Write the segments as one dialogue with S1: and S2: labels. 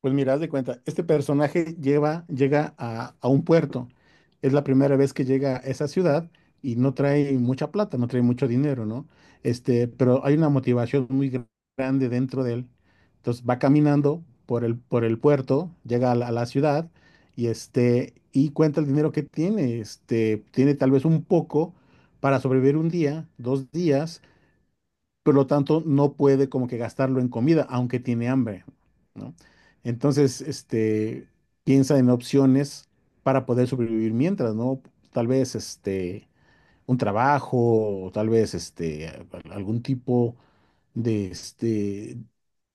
S1: Pues mira, haz de cuenta, este personaje llega a un puerto. Es la primera vez que llega a esa ciudad y no trae mucha plata, no trae mucho dinero, ¿no? Este, pero hay una motivación muy grande dentro de él. Entonces va caminando por por el puerto, llega a a la ciudad y este, y cuenta el dinero que tiene. Este, tiene tal vez un poco para sobrevivir un día, dos días, por lo tanto no puede como que gastarlo en comida, aunque tiene hambre, ¿no? Entonces, este, piensa en opciones para poder sobrevivir mientras, ¿no? Tal vez, este, un trabajo, o tal vez, este, algún tipo de, este,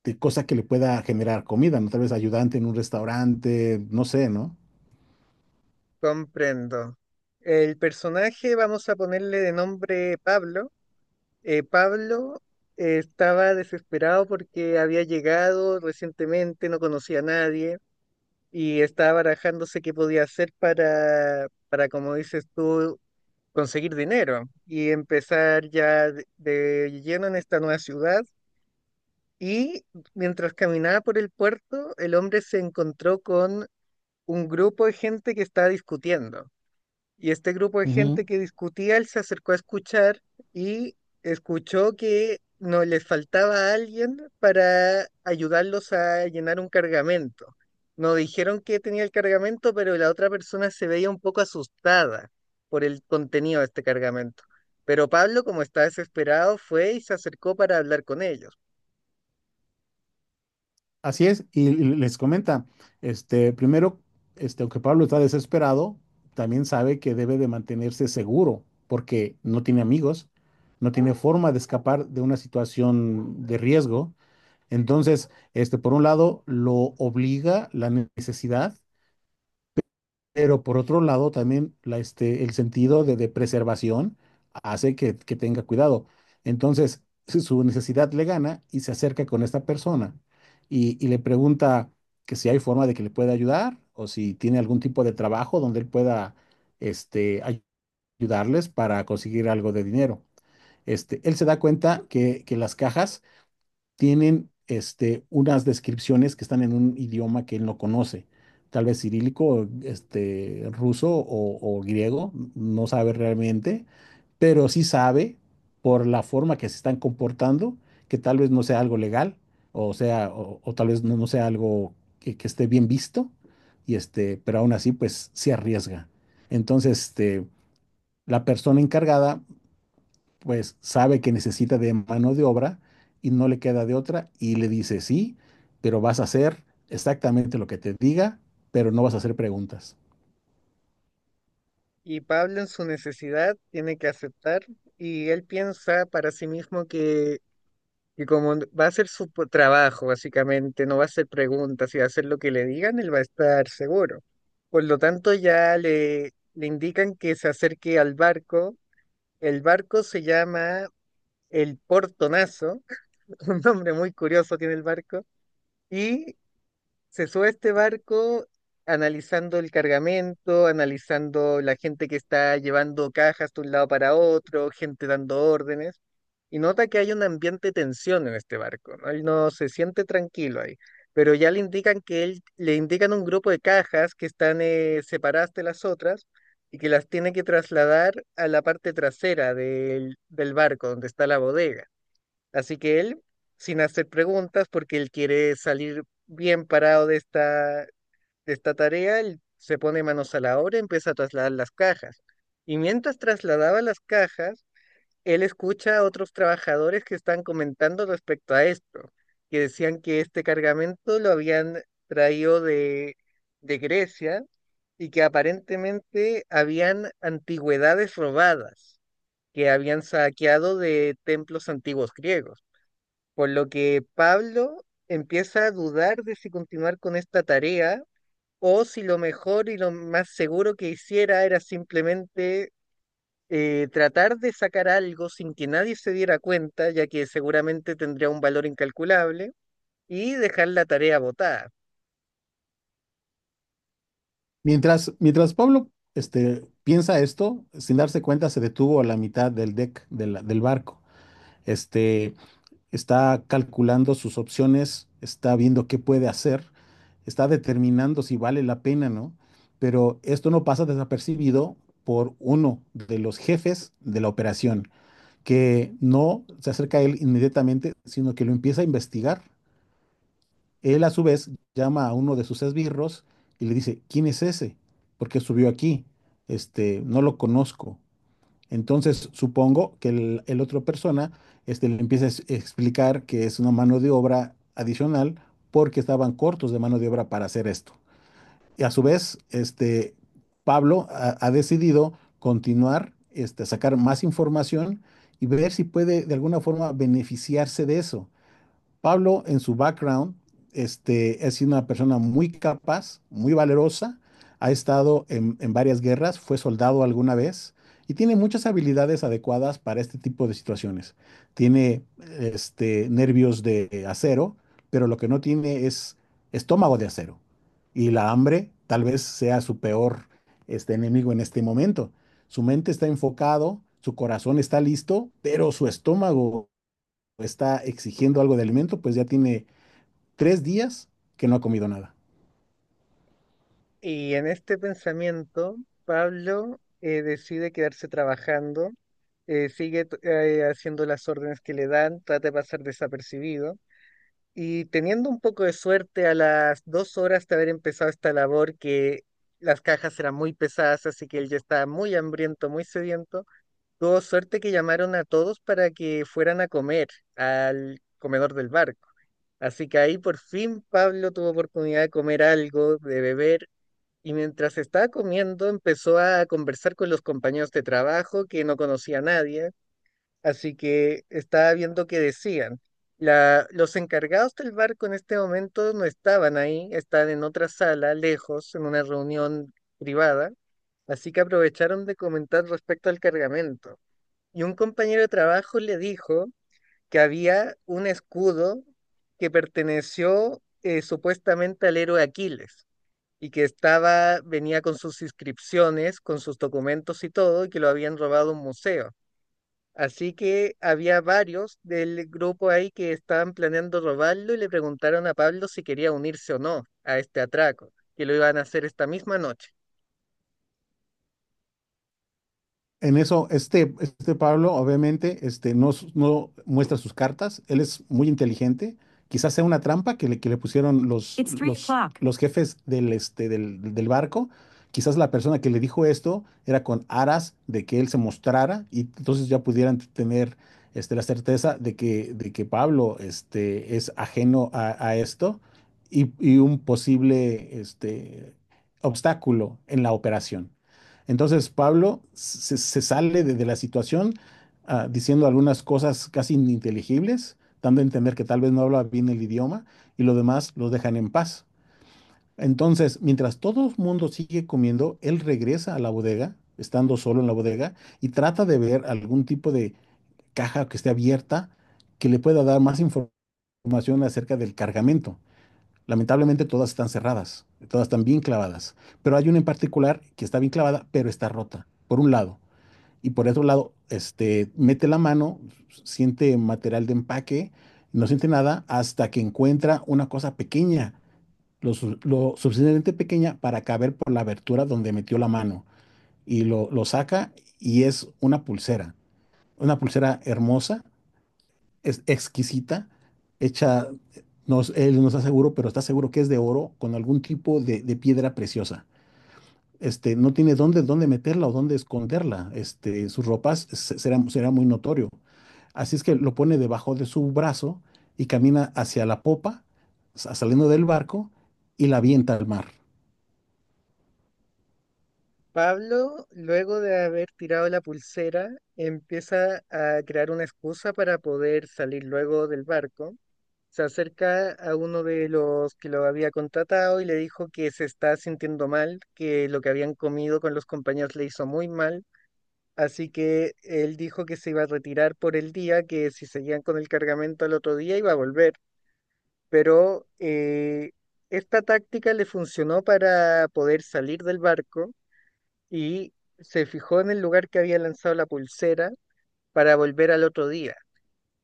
S1: de cosa que le pueda generar comida, ¿no? Tal vez ayudante en un restaurante, no sé, ¿no?
S2: Comprendo. El personaje vamos a ponerle de nombre Pablo. Pablo estaba desesperado porque había llegado recientemente, no conocía a nadie y estaba barajándose qué podía hacer para, como dices tú, conseguir dinero y empezar ya de lleno en esta nueva ciudad. Y mientras caminaba por el puerto, el hombre se encontró con un grupo de gente que estaba discutiendo. Y este grupo de gente que discutía, él se acercó a escuchar y escuchó que no les faltaba alguien para ayudarlos a llenar un cargamento. No dijeron que tenía el cargamento, pero la otra persona se veía un poco asustada por el contenido de este cargamento. Pero Pablo, como está desesperado, fue y se acercó para hablar con ellos.
S1: Así es, y les comenta, este, primero, este, aunque Pablo está desesperado, también sabe que debe de mantenerse seguro, porque no tiene amigos, no tiene forma de escapar de una situación de riesgo. Entonces, este, por un lado, lo obliga la necesidad, pero por otro lado, también este, el sentido de preservación hace que tenga cuidado. Entonces, si su necesidad le gana y se acerca con esta persona y le pregunta que si hay forma de que le pueda ayudar o si tiene algún tipo de trabajo donde él pueda este, ayudarles para conseguir algo de dinero. Este, él se da cuenta que las cajas tienen este, unas descripciones que están en un idioma que él no conoce, tal vez cirílico, este, ruso o griego, no sabe realmente, pero sí sabe por la forma que se están comportando que tal vez no sea algo legal, o sea, o tal vez no sea algo que esté bien visto, y este, pero aún así, pues se arriesga. Entonces, este, la persona encargada pues sabe que necesita de mano de obra y no le queda de otra y le dice sí, pero vas a hacer exactamente lo que te diga, pero no vas a hacer preguntas.
S2: Y Pablo en su necesidad tiene que aceptar y él piensa para sí mismo que y como va a ser su trabajo, básicamente, no va a hacer preguntas y va a hacer lo que le digan, él va a estar seguro. Por lo tanto, ya le indican que se acerque al barco. El barco se llama el Portonazo, un nombre muy curioso tiene el barco. Y se sube a este barco analizando el cargamento, analizando la gente que está llevando cajas de un lado para otro, gente dando órdenes, y nota que hay un ambiente de tensión en este barco, ¿no? Él no se siente tranquilo ahí, pero ya le indican que le indican un grupo de cajas que están separadas de las otras y que las tiene que trasladar a la parte trasera del barco, donde está la bodega. Así que él, sin hacer preguntas, porque él quiere salir bien parado de esta tarea, él se pone manos a la obra y empieza a trasladar las cajas. Y mientras trasladaba las cajas, él escucha a otros trabajadores que están comentando respecto a esto, que decían que este cargamento lo habían traído de Grecia y que aparentemente habían antigüedades robadas, que habían saqueado de templos antiguos griegos. Por lo que Pablo empieza a dudar de si continuar con esta tarea o si lo mejor y lo más seguro que hiciera era simplemente tratar de sacar algo sin que nadie se diera cuenta, ya que seguramente tendría un valor incalculable, y dejar la tarea botada.
S1: Mientras Pablo este, piensa esto, sin darse cuenta se detuvo a la mitad del deck del barco. Este, está calculando sus opciones, está viendo qué puede hacer, está determinando si vale la pena, ¿no? Pero esto no pasa desapercibido por uno de los jefes de la operación, que no se acerca a él inmediatamente, sino que lo empieza a investigar. Él a su vez llama a uno de sus esbirros y le dice, ¿quién es ese? ¿Por qué subió aquí? Este, no lo conozco. Entonces supongo que el otro persona este, le empieza a explicar que es una mano de obra adicional porque estaban cortos de mano de obra para hacer esto. Y a su vez, este, Pablo ha decidido continuar, este, sacar más información y ver si puede de alguna forma beneficiarse de eso. Pablo, en su background, este, es una persona muy capaz, muy valerosa, ha estado en varias guerras, fue soldado alguna vez y tiene muchas habilidades adecuadas para este tipo de situaciones. Tiene este, nervios de acero, pero lo que no tiene es estómago de acero. Y la hambre tal vez sea su peor este, enemigo en este momento. Su mente está enfocado, su corazón está listo, pero su estómago está exigiendo algo de alimento, pues ya tiene tres días que no ha comido nada.
S2: Y en este pensamiento, Pablo decide quedarse trabajando, sigue haciendo las órdenes que le dan, trata de pasar desapercibido. Y teniendo un poco de suerte, a las 2 horas de haber empezado esta labor, que las cajas eran muy pesadas, así que él ya estaba muy hambriento, muy sediento, tuvo suerte que llamaron a todos para que fueran a comer al comedor del barco. Así que ahí por fin Pablo tuvo oportunidad de comer algo, de beber, y mientras estaba comiendo empezó a conversar con los compañeros de trabajo que no conocía a nadie. Así que estaba viendo que decían. Los encargados del barco en este momento no estaban ahí, están en otra sala, lejos, en una reunión privada, así que aprovecharon de comentar respecto al cargamento. Y un compañero de trabajo le dijo que había un escudo que perteneció supuestamente al héroe Aquiles y que estaba, venía con sus inscripciones, con sus documentos y todo, y que lo habían robado a un museo. Así que había varios del grupo ahí que estaban planeando robarlo y le preguntaron a Pablo si quería unirse o no a este atraco, que lo iban a hacer esta misma noche.
S1: En eso, este Pablo obviamente este, no muestra sus cartas, él es muy inteligente, quizás sea una trampa que que le pusieron los, it's 3 los, o'clock. Los jefes del, este, del barco, quizás la persona que le dijo esto era con aras de que él se mostrara y entonces ya pudieran tener este, la certeza de de que Pablo este, es ajeno a esto y un posible este, obstáculo en la operación. Entonces Pablo se sale de la situación ah, diciendo algunas cosas casi ininteligibles, dando a entender que tal vez no habla bien el idioma y lo demás los dejan en paz. Entonces, mientras todo el mundo sigue comiendo, él regresa a la bodega, estando solo en la bodega, y trata de ver algún tipo de caja que esté abierta que le pueda dar más información acerca del cargamento. Lamentablemente todas están cerradas, todas están bien clavadas, pero hay una en particular que está bien clavada, pero está rota, por un lado. Y por otro lado, este, mete la mano, siente material de empaque, no siente nada hasta que encuentra una cosa pequeña, lo suficientemente pequeña para caber por la abertura donde metió la mano. Y lo saca y es una pulsera hermosa, es exquisita, hecha, no, él no está seguro, pero está seguro que es de oro con algún tipo de piedra preciosa. Este, no tiene dónde, dónde meterla o dónde esconderla. Este, sus ropas será, será muy notorio. Así es que lo pone debajo de su brazo y camina hacia la popa, saliendo del barco y la avienta al mar.
S2: Pablo, luego de haber tirado la pulsera, empieza a crear una excusa para poder salir luego del barco. Se acerca a uno de los que lo había contratado y le dijo que se está sintiendo mal, que lo que habían comido con los compañeros le hizo muy mal. Así que él dijo que se iba a retirar por el día, que si seguían con el cargamento al otro día iba a volver. Pero esta táctica le funcionó para poder salir del barco y se fijó en el lugar que había lanzado la pulsera para volver al otro día.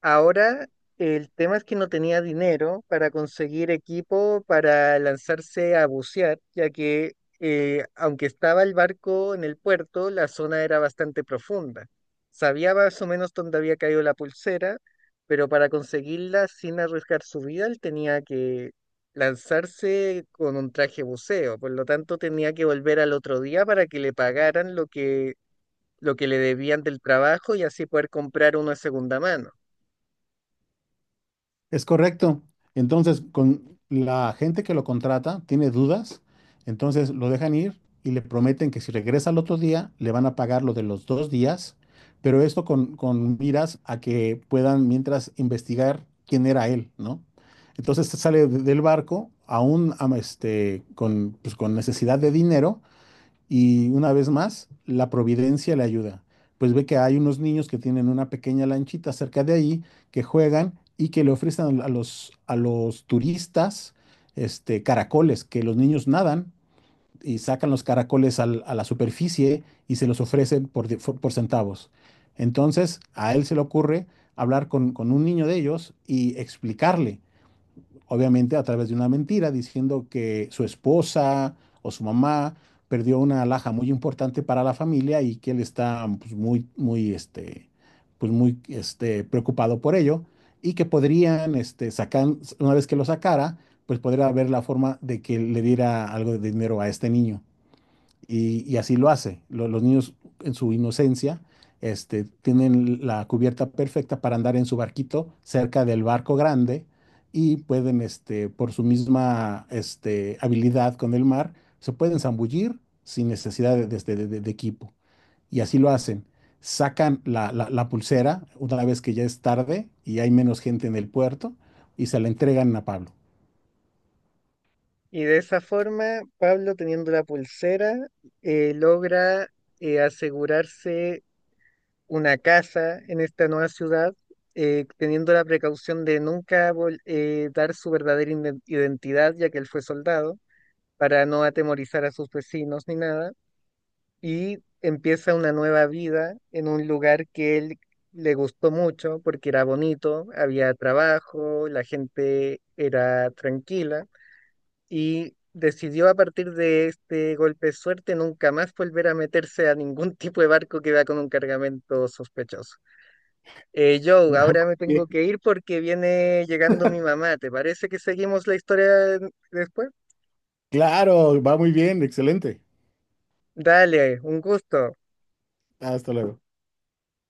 S2: Ahora, el tema es que no tenía dinero para conseguir equipo para lanzarse a bucear, ya que aunque estaba el barco en el puerto, la zona era bastante profunda. Sabía más o menos dónde había caído la pulsera, pero para conseguirla sin arriesgar su vida, él tenía que lanzarse con un traje buceo. Por lo tanto, tenía que volver al otro día para que le pagaran lo lo que le debían del trabajo y así poder comprar uno de segunda mano.
S1: Es correcto. Entonces, con la gente que lo contrata tiene dudas, entonces lo dejan ir y le prometen que si regresa al otro día, le van a pagar lo de los dos días, pero esto con miras a que puedan mientras investigar quién era él, ¿no? Entonces se sale del barco, aún este, con, pues, con necesidad de dinero, y una vez más, la providencia le ayuda, pues ve que hay unos niños que tienen una pequeña lanchita cerca de ahí, que juegan y que le ofrecen a los turistas este, caracoles, que los niños nadan y sacan los caracoles a la superficie y se los ofrecen por, por centavos. Entonces, a él se le ocurre hablar con un niño de ellos y explicarle obviamente a través de una mentira, diciendo que su esposa o su mamá perdió una alhaja muy importante para la familia y que él está pues, muy, muy, este, pues, muy este, preocupado por ello y que podrían, este, sacar, una vez que lo sacara, pues podría haber la forma de que le diera algo de dinero a este niño. Y así lo hace. Los niños en su inocencia este, tienen la cubierta perfecta para andar en su barquito cerca del barco grande y pueden, este, por su misma este, habilidad con el mar, se pueden zambullir sin necesidad de, de equipo. Y así lo hacen. Sacan la pulsera una vez que ya es tarde y hay menos gente en el puerto y se la entregan a Pablo.
S2: Y de esa forma, Pablo, teniendo la pulsera, logra asegurarse una casa en esta nueva ciudad, teniendo la precaución de nunca dar su verdadera identidad, ya que él fue soldado, para no atemorizar a sus vecinos ni nada. Y empieza una nueva vida en un lugar que él le gustó mucho porque era bonito, había trabajo, la gente era tranquila y decidió a partir de este golpe de suerte nunca más volver a meterse a ningún tipo de barco que va con un cargamento sospechoso. Joe,
S1: Muy
S2: ahora me tengo
S1: bien.
S2: que ir porque viene llegando mi mamá. ¿Te parece que seguimos la historia después?
S1: Claro, va muy bien, excelente.
S2: Dale, un gusto.
S1: Hasta luego.